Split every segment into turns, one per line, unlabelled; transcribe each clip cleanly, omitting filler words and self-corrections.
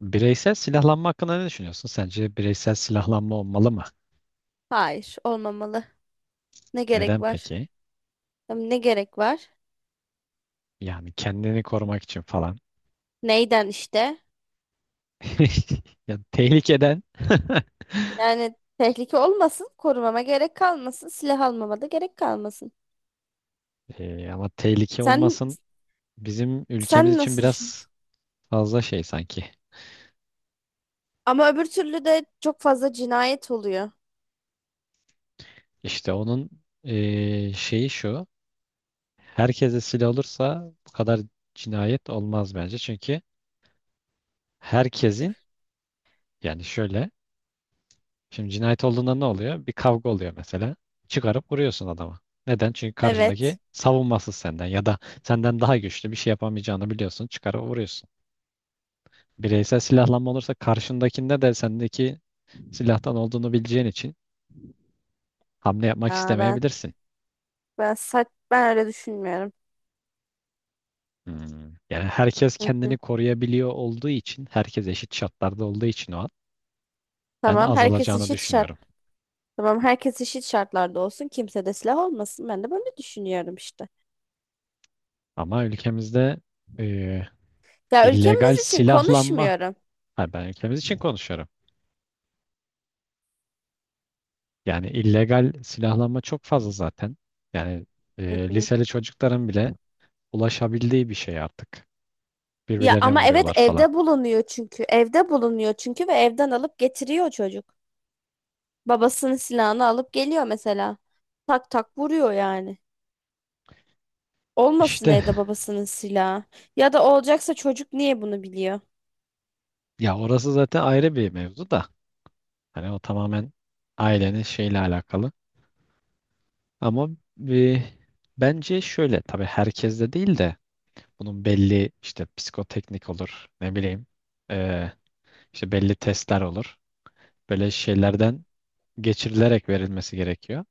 Bireysel silahlanma hakkında ne düşünüyorsun? Sence bireysel silahlanma olmalı mı?
Hayır, olmamalı. Ne gerek
Neden
var?
peki?
Tam ne gerek var?
Yani kendini korumak için falan.
Neyden işte?
Ya tehlikeden.
Yani tehlike olmasın, korumama gerek kalmasın, silah almama da gerek kalmasın.
Ama tehlike
Sen
olmasın bizim ülkemiz
sen
için
nasıl düşünüyorsun?
biraz fazla şey sanki.
Ama öbür türlü de çok fazla cinayet oluyor.
İşte onun şeyi şu. Herkese silah olursa bu kadar cinayet olmaz bence. Çünkü herkesin yani şöyle. Şimdi cinayet olduğunda ne oluyor? Bir kavga oluyor mesela. Çıkarıp vuruyorsun adama. Neden? Çünkü karşındaki
Evet.
savunmasız senden ya da senden daha güçlü bir şey yapamayacağını biliyorsun. Çıkarıp vuruyorsun. Bireysel silahlanma olursa karşındakinde de sendeki silahtan olduğunu bileceğin için hamle yapmak
Ya ben
istemeyebilirsin.
ben öyle düşünmüyorum.
Hmm. Yani herkes
Hı hı.
kendini koruyabiliyor olduğu için, herkes eşit şartlarda olduğu için o an ben
Tamam, herkes
azalacağını
eşit şart.
düşünüyorum.
Tamam, herkes eşit şartlarda olsun. Kimse de silah olmasın. Ben de böyle düşünüyorum işte.
Ama ülkemizde e,
Ya,
illegal
ülkemiz için
silahlanma,
konuşmuyorum.
ha, ben ülkemiz için konuşuyorum. Yani illegal silahlanma çok fazla zaten. Yani
Hı hı.
liseli çocukların bile ulaşabildiği bir şey artık.
Ya
Birbirlerine
ama evet,
vuruyorlar falan.
evde bulunuyor çünkü. Evde bulunuyor çünkü, ve evden alıp getiriyor çocuk. Babasının silahını alıp geliyor mesela. Tak tak vuruyor yani. Olmasın
İşte
Eda, babasının silahı. Ya da olacaksa çocuk niye bunu biliyor?
ya orası zaten ayrı bir mevzu da. Hani o tamamen ailenin şeyle alakalı. Ama e, bence şöyle, tabii herkeste değil de bunun belli işte psikoteknik olur, ne bileyim, e, işte belli testler olur. Böyle şeylerden geçirilerek verilmesi gerekiyor.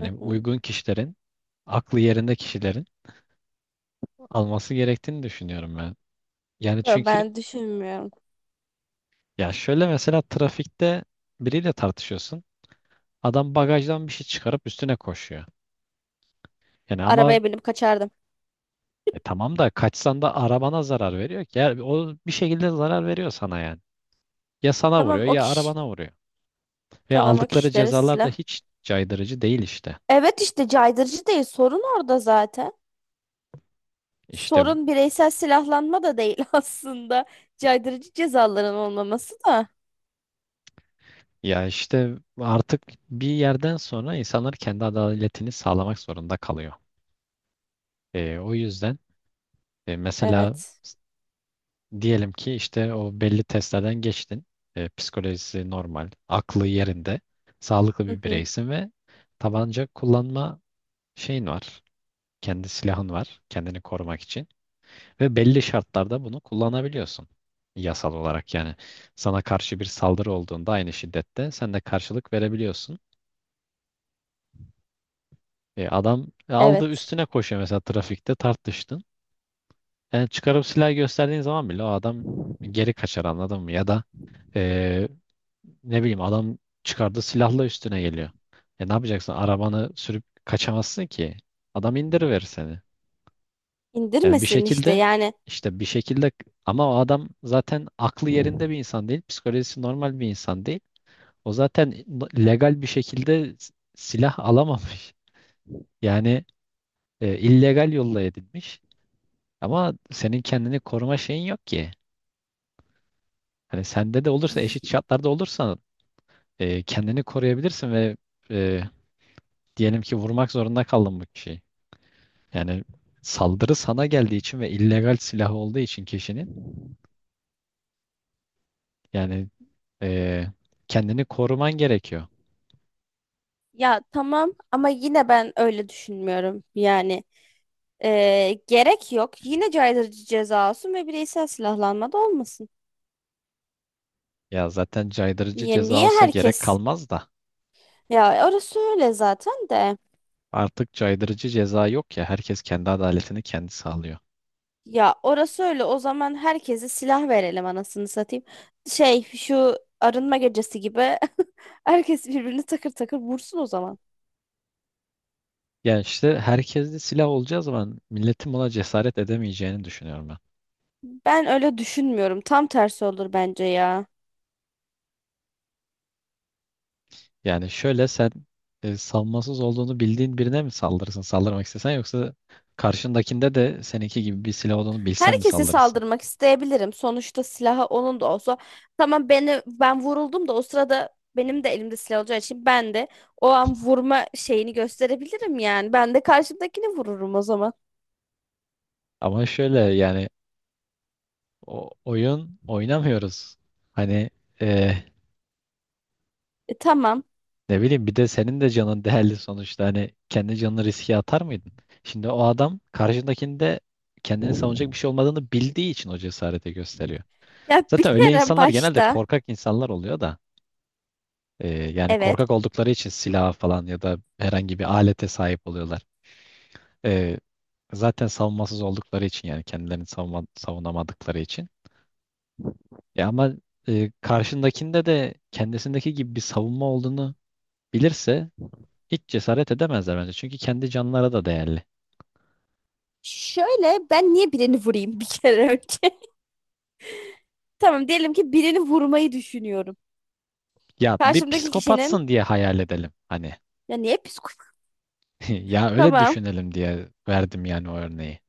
Hı hı.
uygun kişilerin, aklı yerinde kişilerin alması gerektiğini düşünüyorum ben. Yani
Yo,
çünkü
ben düşünmüyorum.
ya şöyle, mesela trafikte biriyle tartışıyorsun. Adam bagajdan bir şey çıkarıp üstüne koşuyor. Yani ama
Arabaya binip kaçardım.
tamam da kaçsan da arabana zarar veriyor ki. Yani o bir şekilde zarar veriyor sana yani. Ya sana
Tamam,
vuruyor
o
ya
kişi.
arabana vuruyor. Ve
Tamam, o
aldıkları
kişilere
cezalar da
silah.
hiç caydırıcı değil işte.
Evet işte, caydırıcı değil. Sorun orada zaten.
İşte
Sorun bireysel silahlanma da değil aslında. Caydırıcı cezaların olmaması da.
ya işte artık bir yerden sonra insanlar kendi adaletini sağlamak zorunda kalıyor. O yüzden mesela
Evet.
diyelim ki işte o belli testlerden geçtin. Psikolojisi normal, aklı yerinde, sağlıklı
Hı
bir
hı.
bireysin ve tabanca kullanma şeyin var. Kendi silahın var, kendini korumak için. Ve belli şartlarda bunu kullanabiliyorsun. Yasal olarak yani sana karşı bir saldırı olduğunda aynı şiddette sen de karşılık verebiliyorsun. Adam aldı
Evet.
üstüne koşuyor mesela, trafikte tartıştın. Yani çıkarıp silah gösterdiğin zaman bile o adam geri kaçar, anladın mı? Ya da e, ne bileyim, adam çıkardı silahla üstüne geliyor. E ne yapacaksın? Arabanı sürüp kaçamazsın ki. Adam indiriverir seni. Yani bir
İndirmesin işte
şekilde
yani.
işte bir şekilde ama o adam zaten aklı yerinde bir insan değil. Psikolojisi normal bir insan değil. O zaten legal bir şekilde silah alamamış. Yani illegal yolla edilmiş. Ama senin kendini koruma şeyin yok ki. Hani sende de olursa, eşit
Y-
şartlarda olursan kendini koruyabilirsin ve e, diyelim ki vurmak zorunda kaldım bu kişiyi. Yani saldırı sana geldiği için ve illegal silah olduğu için kişinin, yani eee, kendini koruman gerekiyor.
Ya tamam, ama yine ben öyle düşünmüyorum yani, gerek yok, yine caydırıcı ceza olsun ve bireysel silahlanma da olmasın.
Ya zaten caydırıcı
Yani
ceza
niye
olsa gerek
herkes...
kalmaz da
Ya, orası öyle zaten de.
artık caydırıcı ceza yok ya, herkes kendi adaletini kendi sağlıyor.
Ya, orası öyle. O zaman herkese silah verelim anasını satayım. Şu arınma gecesi gibi herkes birbirini takır takır vursun o zaman.
Yani işte herkes de silah olacağı zaman milletin buna cesaret edemeyeceğini düşünüyorum ben.
Ben öyle düşünmüyorum. Tam tersi olur bence ya.
Yani şöyle, sen savunmasız olduğunu bildiğin birine mi saldırırsın, saldırmak istesen, yoksa karşındakinde de seninki gibi bir silah olduğunu bilsen mi
Herkese
saldırırsın?
saldırmak isteyebilirim. Sonuçta silahı onun da olsa. Tamam, ben vuruldum da, o sırada benim de elimde silah olacağı için ben de o an vurma şeyini gösterebilirim yani. Ben de karşımdakini vururum o zaman.
Ama şöyle yani, o oyun oynamıyoruz. Hani e,
Tamam.
ne bileyim, bir de senin de canın değerli sonuçta. Hani kendi canını riske atar mıydın? Şimdi o adam karşındakinde kendini savunacak bir şey olmadığını bildiği için o cesareti gösteriyor.
Ya bir
Zaten öyle
kere
insanlar genelde
başta,
korkak insanlar oluyor da yani
evet.
korkak oldukları için silaha falan ya da herhangi bir alete sahip oluyorlar. E, Zaten savunmasız oldukları için, yani kendilerini savunma, savunamadıkları için. Ya ama karşındakinde de kendisindeki gibi bir savunma olduğunu bilirse hiç cesaret edemezler bence. Çünkü kendi canlara da değerli.
Şöyle, ben niye birini vurayım bir kere önce? Tamam, diyelim ki birini vurmayı düşünüyorum.
Ya bir
Karşımdaki kişinin...
psikopatsın diye hayal edelim hani.
Ya niye psikopat?
Ya öyle
Tamam.
düşünelim diye verdim yani o örneği.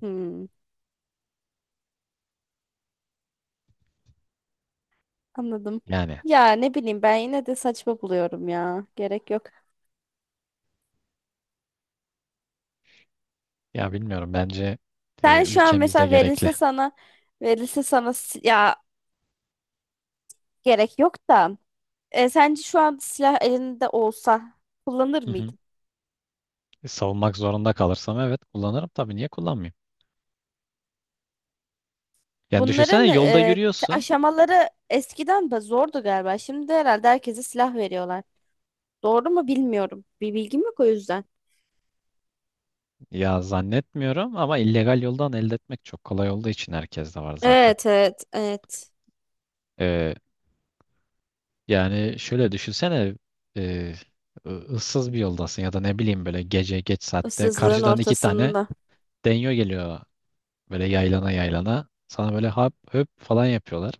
Hmm, anladım.
Yani
Ya ne bileyim, ben yine de saçma buluyorum ya. Gerek yok.
ya bilmiyorum, bence
Sen şu an
ülkemizde
mesela
gerekli.
verilse sana ya, gerek yok da, sence şu an silah elinde olsa kullanır
Hı hı.
mıydın?
Savunmak zorunda kalırsam evet, kullanırım tabii, niye kullanmayayım? Yani
Bunların
düşünsene, yolda yürüyorsun.
aşamaları eskiden de zordu galiba. Şimdi herhalde herkese silah veriyorlar. Doğru mu bilmiyorum. Bir bilgim yok o yüzden.
Ya zannetmiyorum ama illegal yoldan elde etmek çok kolay olduğu için herkes de var zaten.
Evet, evet, evet.
E, Yani şöyle düşünsene, e, ıssız bir yoldasın ya da ne bileyim böyle gece geç saatte
Issızlığın
karşıdan iki tane
ortasında.
denyo geliyor, böyle yaylana yaylana sana böyle hap höp falan yapıyorlar.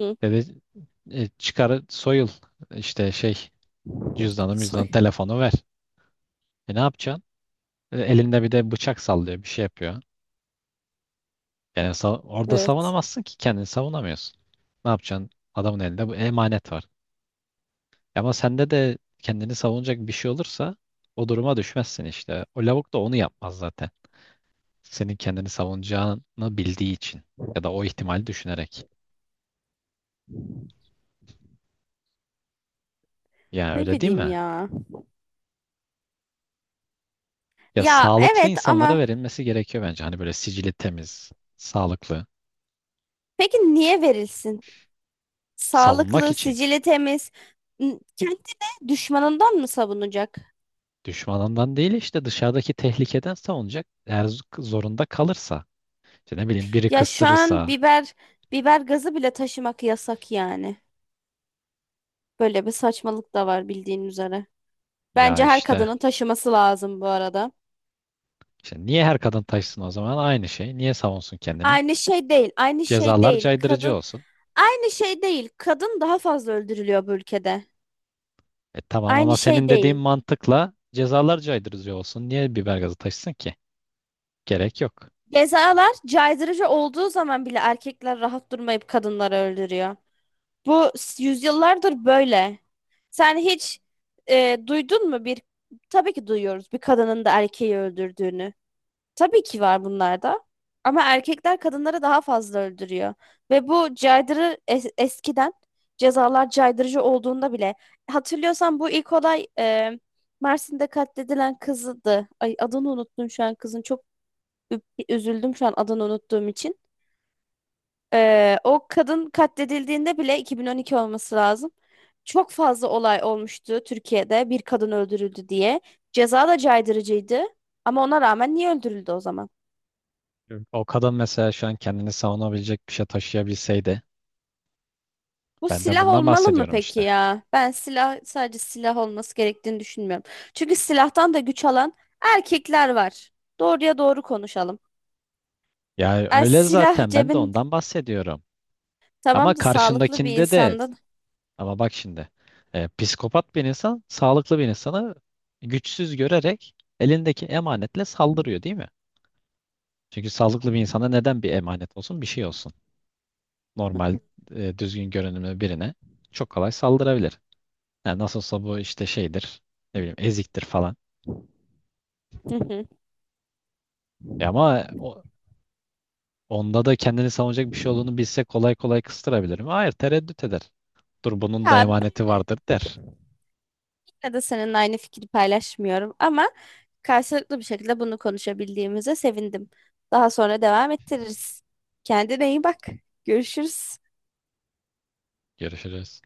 Hı.
Dedi çıkar soyul, işte şey, cüzdanı müzdanı
Soy.
telefonu ver. E ne yapacaksın? Elinde bir de bıçak sallıyor, bir şey yapıyor. Yani orada
Evet.
savunamazsın ki, kendini savunamıyorsun. Ne yapacaksın? Adamın elinde bu emanet var. Ama sende de kendini savunacak bir şey olursa o duruma düşmezsin işte. O lavuk da onu yapmaz zaten. Senin kendini savunacağını bildiği için ya da o ihtimali düşünerek. Yani
Ne
öyle değil
bileyim
mi?
ya.
Ya
Ya
sağlıklı
evet,
insanlara
ama
verilmesi gerekiyor bence. Hani böyle sicili temiz, sağlıklı,
peki niye verilsin?
savunmak
Sağlıklı,
için.
sicili temiz. Kendini düşmanından mı savunacak?
Düşmanından değil, işte dışarıdaki tehlikeden savunacak. Eğer zorunda kalırsa, işte ne bileyim, biri
Ya şu an
kıstırırsa
biber gazı bile taşımak yasak yani. Böyle bir saçmalık da var, bildiğin üzere.
ya
Bence her
işte,
kadının taşıması lazım bu arada.
işte niye her kadın taşsın o zaman, aynı şey. Niye savunsun kendini?
Aynı şey değil, aynı şey
Cezalar
değil.
caydırıcı
Kadın
olsun.
aynı şey değil. Kadın daha fazla öldürülüyor bu ülkede.
E tamam,
Aynı
ama
şey
senin dediğin
değil.
mantıkla cezalar caydırıcı olsun. Niye biber gazı taşısın ki? Gerek yok.
Cezalar caydırıcı olduğu zaman bile erkekler rahat durmayıp kadınları öldürüyor. Bu yüzyıllardır böyle. Sen hiç duydun mu bir... Tabii ki duyuyoruz bir kadının da erkeği öldürdüğünü. Tabii ki var bunlarda. Ama erkekler kadınları daha fazla öldürüyor. Ve bu eskiden, cezalar caydırıcı olduğunda bile, hatırlıyorsan bu ilk olay, Mersin'de katledilen kızdı. Ay, adını unuttum şu an kızın. Çok ü- üzüldüm şu an adını unuttuğum için. O kadın katledildiğinde bile 2012 olması lazım. Çok fazla olay olmuştu Türkiye'de bir kadın öldürüldü diye. Ceza da caydırıcıydı. Ama ona rağmen niye öldürüldü o zaman?
Evet. O kadın mesela şu an kendini savunabilecek bir şey taşıyabilseydi.
Bu
Ben de
silah
bundan
olmalı mı
bahsediyorum
peki
işte.
ya? Ben silah, sadece silah olması gerektiğini düşünmüyorum. Çünkü silahtan da güç alan erkekler var. Doğruya doğru konuşalım.
Yani öyle
Silah
zaten, ben de
cebin,
ondan bahsediyorum. Ama
tamam da, sağlıklı bir
karşındakinde de,
insandan.
ama bak şimdi psikopat bir insan sağlıklı bir insanı güçsüz görerek elindeki emanetle saldırıyor değil mi? Çünkü sağlıklı bir insana neden bir emanet olsun, bir şey olsun. Normal düzgün görünümlü birine çok kolay saldırabilir. Yani nasıl olsa bu işte şeydir, ne bileyim eziktir falan.
Hı hı.
E ama onda da kendini savunacak bir şey olduğunu bilse kolay kolay kıstırabilirim. Hayır, tereddüt eder. Dur, bunun da
Ya ben
emaneti vardır, der.
yine de seninle aynı fikri paylaşmıyorum, ama karşılıklı bir şekilde bunu konuşabildiğimize sevindim. Daha sonra devam ettiririz. Kendine iyi bak. Görüşürüz.
Görüşürüz.